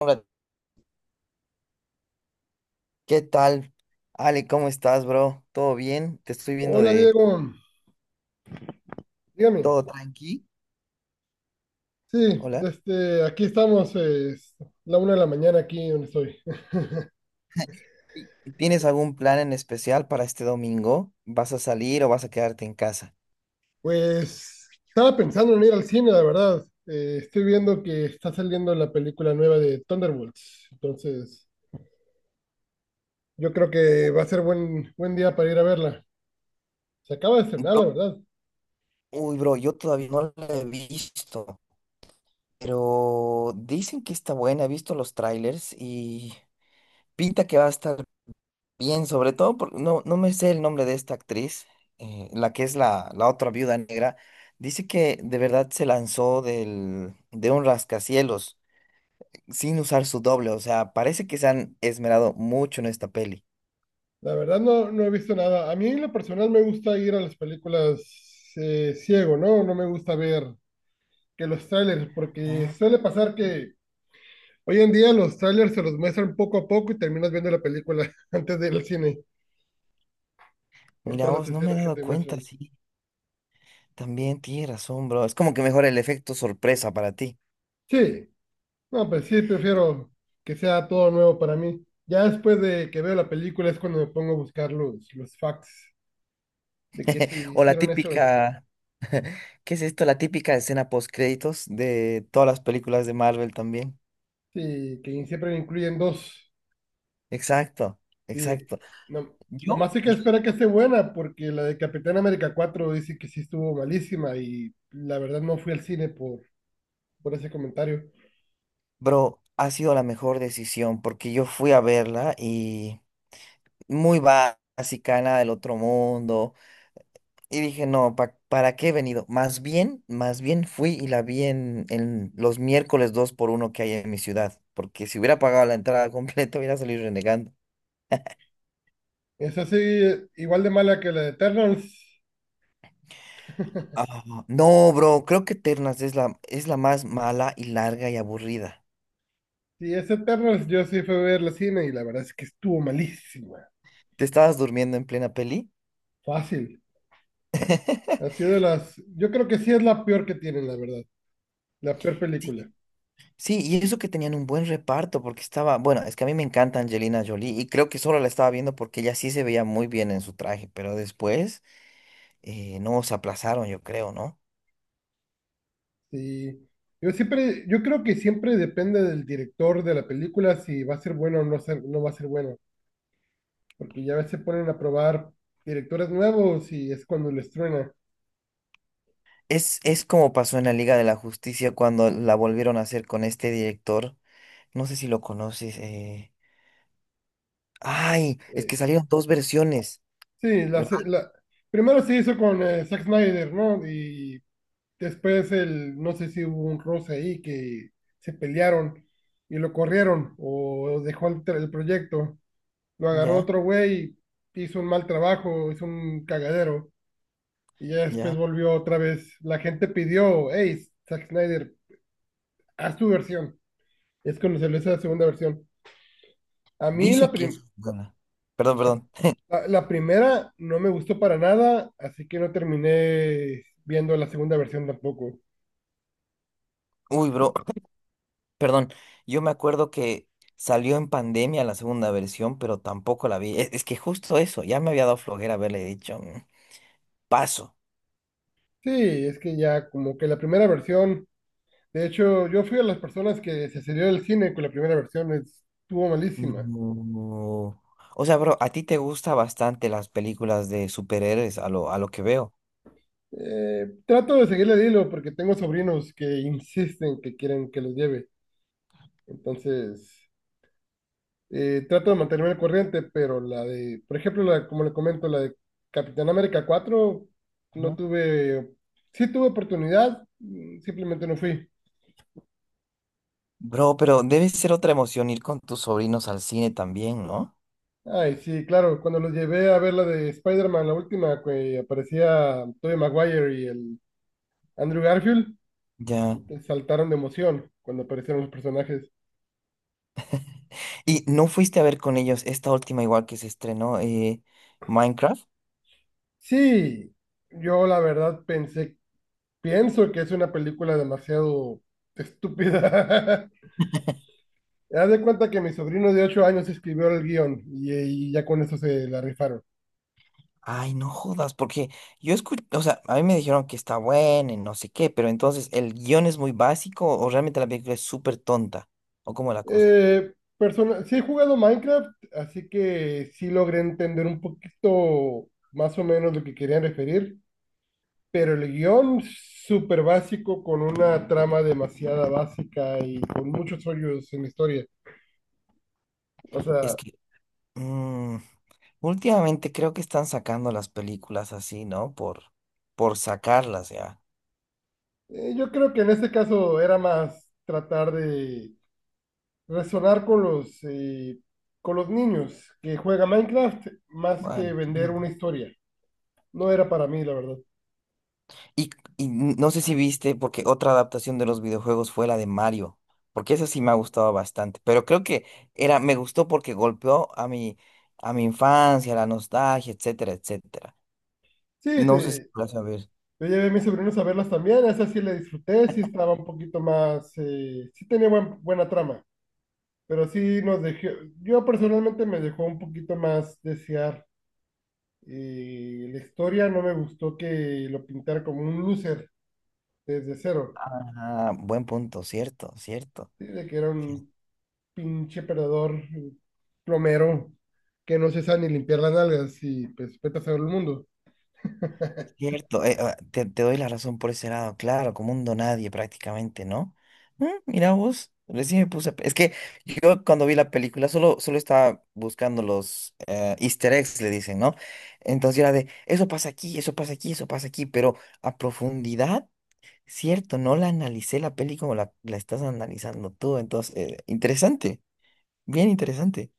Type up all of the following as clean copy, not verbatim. Hola, ¿qué tal? Ale, ¿cómo estás, bro? ¿Todo bien? Te estoy viendo Hola de Diego, dígame. todo tranqui. Sí, Hola. desde aquí estamos, es la una de la mañana aquí donde estoy. ¿Tienes algún plan en especial para este domingo? ¿Vas a salir o vas a quedarte en casa? Pues estaba pensando en ir al cine, la verdad. Estoy viendo que está saliendo la película nueva de Thunderbolts, entonces yo creo que va a ser buen día para ir a verla. Se acaba de estrenar, Bro, la verdad. uy, bro, yo todavía no la he visto, pero dicen que está buena. He visto los trailers y pinta que va a estar bien, sobre todo porque no me sé el nombre de esta actriz, la que es la otra viuda negra. Dice que de verdad se lanzó de un rascacielos sin usar su doble. O sea, parece que se han esmerado mucho en esta peli. La verdad no, no he visto nada. A mí en lo personal me gusta ir a las películas ciego, ¿no? No me gusta ver que los trailers, porque Ah, suele pasar que hoy en día los trailers se los muestran poco a poco y terminas viendo la película antes de ir al cine por mira todas las vos, no me he escenas que dado te cuenta, muestran. sí. También tienes razón, bro. Es como que mejora el efecto sorpresa para ti. Sí, no, pues sí, prefiero que sea todo nuevo para mí. Ya después de que veo la película es cuando me pongo a buscar los facts de que si O la hicieron eso, típica, ¿qué es esto? La típica escena post créditos de todas las películas de Marvel también. sí, que siempre incluyen dos. Exacto, Sí, exacto. no, Yo, nomás hay que esperar que esté buena porque la de Capitán América 4 dice que sí estuvo malísima y la verdad no fui al cine por ese comentario. Bro, ha sido la mejor decisión porque yo fui a verla y muy básica, nada del otro mundo. Y dije, no, ¿para qué he venido? Más bien fui y la vi en, los miércoles 2 por uno que hay en mi ciudad. Porque si hubiera pagado la entrada completa, hubiera salido renegando. Es así, igual de mala que la de Eternals. Ah, no, bro, creo que Ternas es la más mala y larga y aburrida. Y ese Eternals yo sí fui a ver la cine y la verdad es que estuvo malísima. ¿Te estabas durmiendo en plena peli? Fácil. Ha sido de las... Yo creo que sí es la peor que tienen, la verdad. La peor Sí, película. sí, y eso que tenían un buen reparto, porque estaba, bueno, es que a mí me encanta Angelina Jolie y creo que solo la estaba viendo porque ella sí se veía muy bien en su traje, pero después no se aplazaron, yo creo, ¿no? Sí. Yo siempre, yo creo que siempre depende del director de la película si va a ser bueno o no, no va a ser bueno. Porque ya a veces ponen a probar directores nuevos y es cuando les truena. Es como pasó en la Liga de la Justicia cuando la volvieron a hacer con este director, no sé si lo conoces, ay, es que Eh, salieron dos versiones, sí, ¿verdad? Primero se hizo con Zack Snyder, ¿no? Y después el, no sé si hubo un roce ahí que se pelearon y lo corrieron o dejó el proyecto. Lo agarró Ya, otro güey, hizo un mal trabajo, hizo un cagadero y ya después ya, volvió otra vez. La gente pidió, hey, Zack Snyder, haz tu versión. Es cuando se le hizo la segunda versión. A mí dicen que es buena. Perdón, perdón. La primera no me gustó para nada, así que no terminé viendo la segunda versión tampoco. Uy, bro. Perdón, yo me acuerdo que salió en pandemia la segunda versión, pero tampoco la vi. Es que justo eso, ya me había dado flojera haberle dicho, "Mm, paso." Sí, es que ya como que la primera versión. De hecho, yo fui a las personas que se salió del cine con la primera versión, estuvo malísima. No. O sea, bro, a ti te gustan bastante las películas de superhéroes, a lo, que veo. Trato de seguirle el hilo porque tengo sobrinos que insisten que quieren que los lleve. Entonces, trato de mantenerme al corriente, pero la de, por ejemplo, la, como le comento, la de Capitán América 4 no Ujú. tuve, sí tuve oportunidad, mm, simplemente no fui. Bro, pero debe ser otra emoción ir con tus sobrinos al cine también, ¿no? Ay, sí, claro, cuando los llevé a ver la de Spider-Man, la última, que aparecía Tobey Maguire y el Andrew Garfield. Ya. Saltaron de emoción cuando aparecieron los personajes. ¿Y no fuiste a ver con ellos esta última igual que se estrenó, Minecraft? Sí, yo la verdad pensé, pienso que es una película demasiado estúpida. Haz de cuenta que mi sobrino de 8 años escribió el guión y, ya con eso se la rifaron. Ay, no jodas, porque yo escuché, o sea, a mí me dijeron que está buena y no sé qué, pero entonces, ¿el guión es muy básico o realmente la película es súper tonta? ¿O cómo es la cosa? Sí he jugado Minecraft, así que sí logré entender un poquito más o menos lo que querían referir, pero el guión súper básico con una trama demasiada básica y con muchos hoyos en la historia. O Es sea, que mm, últimamente creo que están sacando las películas así, ¿no? Por sacarlas ya. Yo creo que en este caso era más tratar de resonar con con los niños que juegan Minecraft más que Bueno. vender Mm. una historia. No era para mí, la verdad. Y, y no sé si viste, porque otra adaptación de los videojuegos fue la de Mario, porque esa sí me ha gustado bastante, pero creo que era, me gustó porque golpeó a mi, infancia, la nostalgia, etcétera, etcétera. Sí, No sé si te, vas a ver. yo llevé a mis sobrinos a verlas también, esa sí la disfruté, sí estaba un poquito más, sí tenía buena trama, pero sí nos dejó, yo personalmente me dejó un poquito más desear. Eh, la historia no me gustó que lo pintara como un loser desde cero, Ah, buen punto, cierto, cierto. sí, de que era cier- un pinche perdedor, plomero, que no se sabe ni limpiar las nalgas y pues vete a saber el mundo. Cierto, te doy la razón por ese lado, claro, como un nadie prácticamente, ¿no? Mira vos, recién me puse... Es que yo cuando vi la película solo, estaba buscando los easter eggs, le dicen, ¿no? Entonces era de, eso pasa aquí, eso pasa aquí, eso pasa aquí, pero a profundidad, cierto, no la analicé la peli como la, estás analizando tú, entonces, interesante, bien interesante.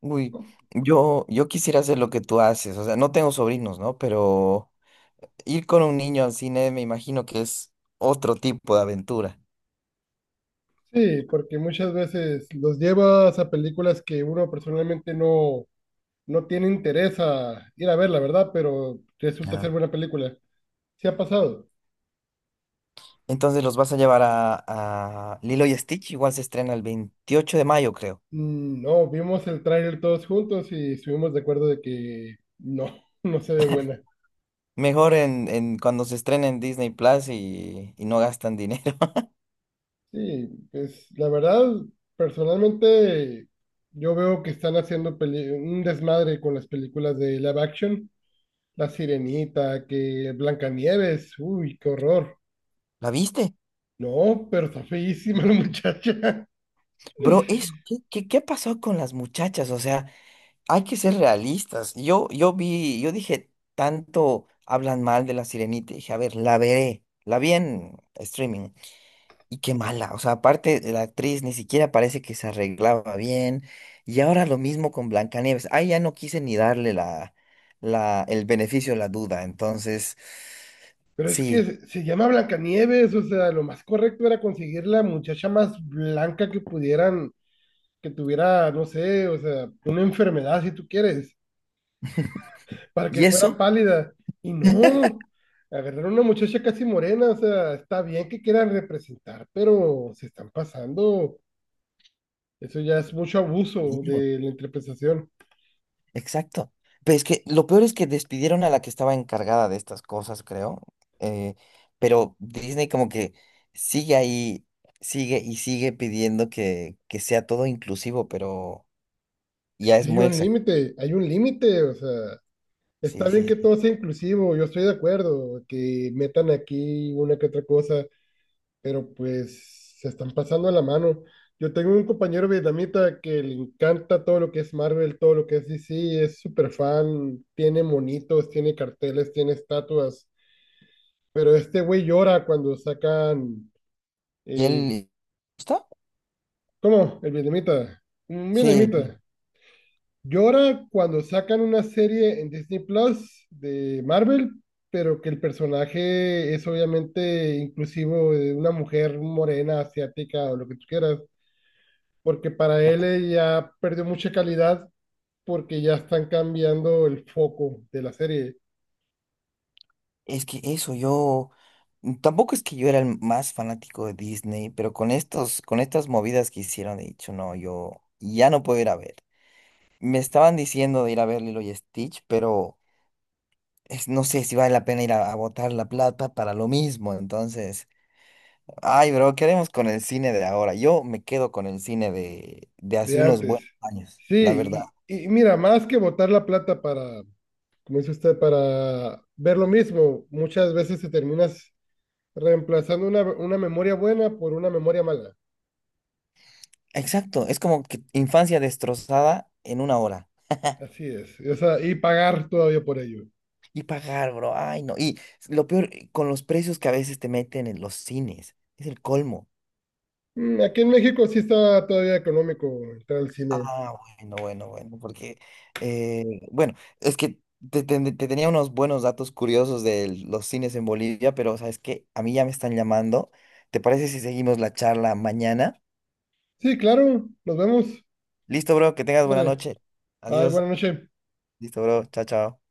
Uy, ¿No? yo quisiera hacer lo que tú haces, o sea, no tengo sobrinos, ¿no? Pero ir con un niño al cine me imagino que es otro tipo de aventura. Sí, porque muchas veces los llevas a películas que uno personalmente no, no tiene interés a ir a ver, la verdad, pero resulta Ya. ser buena película. ¿Sí ha pasado? Entonces los vas a llevar a, Lilo y Stitch, igual se estrena el 28 de mayo, creo. Mm, no, vimos el tráiler todos juntos y estuvimos de acuerdo de que no, no se ve buena. Mejor en cuando se estrena en Disney Plus y no gastan dinero. Sí, pues la verdad, personalmente yo veo que están haciendo un desmadre con las películas de live action. La Sirenita, que Blancanieves, uy, qué horror. ¿La viste? No, pero está feísima la muchacha. Bro, eso, ¿qué pasó con las muchachas? O sea, hay que ser realistas. yo vi, yo dije, tanto hablan mal de La Sirenita. Y dije, a ver, la veré. La vi en streaming. Y qué mala. O sea, aparte, la actriz ni siquiera parece que se arreglaba bien. Y ahora lo mismo con Blancanieves. Ahí ya no quise ni darle el beneficio de la duda. Entonces, Pero es que sí. Se llama Blancanieves, o sea, lo más correcto era conseguir la muchacha más blanca que pudieran, que tuviera, no sé, o sea, una enfermedad si tú quieres para que Y fuera eso. pálida. Y no, agarraron una muchacha casi morena, o sea, está bien que quieran representar, pero se están pasando. Eso ya es mucho abuso de la interpretación. Exacto. Pero es que lo peor es que despidieron a la que estaba encargada de estas cosas, creo. eh, pero Disney como que sigue ahí, sigue y sigue pidiendo que sea todo inclusivo, pero Es ya que es muy exacto. Hay un límite, o sea, Sí, está bien sí, que sí. todo sea inclusivo, yo estoy de acuerdo, que metan aquí una que otra cosa, pero pues se están pasando la mano. Yo tengo un compañero vietnamita que le encanta todo lo que es Marvel, todo lo que es DC, es súper fan, tiene monitos, tiene carteles, tiene estatuas, pero este güey llora cuando sacan, ¿Y eh, él gusta? ¿cómo? El vietnamita, un Sí, vietnamita, llora cuando sacan una serie en Disney Plus de Marvel, pero que el personaje es obviamente inclusivo de una mujer morena, asiática o lo que tú quieras porque para él ya perdió mucha calidad porque ya están cambiando el foco de la serie es que eso, yo tampoco es que yo era el más fanático de Disney, pero con estas movidas que hicieron, he dicho, no, yo ya no puedo ir a ver. Me estaban diciendo de ir a ver Lilo y Stitch, pero no sé si vale la pena ir a, botar la plata para lo mismo. Entonces, ay, bro, ¿qué haremos con el cine de ahora? Yo me quedo con el cine de hace de unos antes. buenos años, la verdad. Sí, y mira, más que botar la plata para, como dice usted, para ver lo mismo, muchas veces te terminas reemplazando una memoria buena por una memoria mala. Exacto, es como que infancia destrozada en una hora. Así es, o sea, y pagar todavía por ello. Y pagar, bro, ay, no. Y lo peor, con los precios que a veces te meten en los cines, es el colmo. Mm, aquí en México sí está todavía económico entrar al cine. Ah, bueno, bueno, bueno, porque, eh, bueno, es que te, te tenía unos buenos datos curiosos de los cines en Bolivia, pero sabes que a mí ya me están llamando. ¿Te parece si seguimos la charla mañana? Sí, claro, nos vemos. Listo, bro, que tengas buena Dale, noche. bye, Adiós. buena noche. Listo, bro. Chao, chao.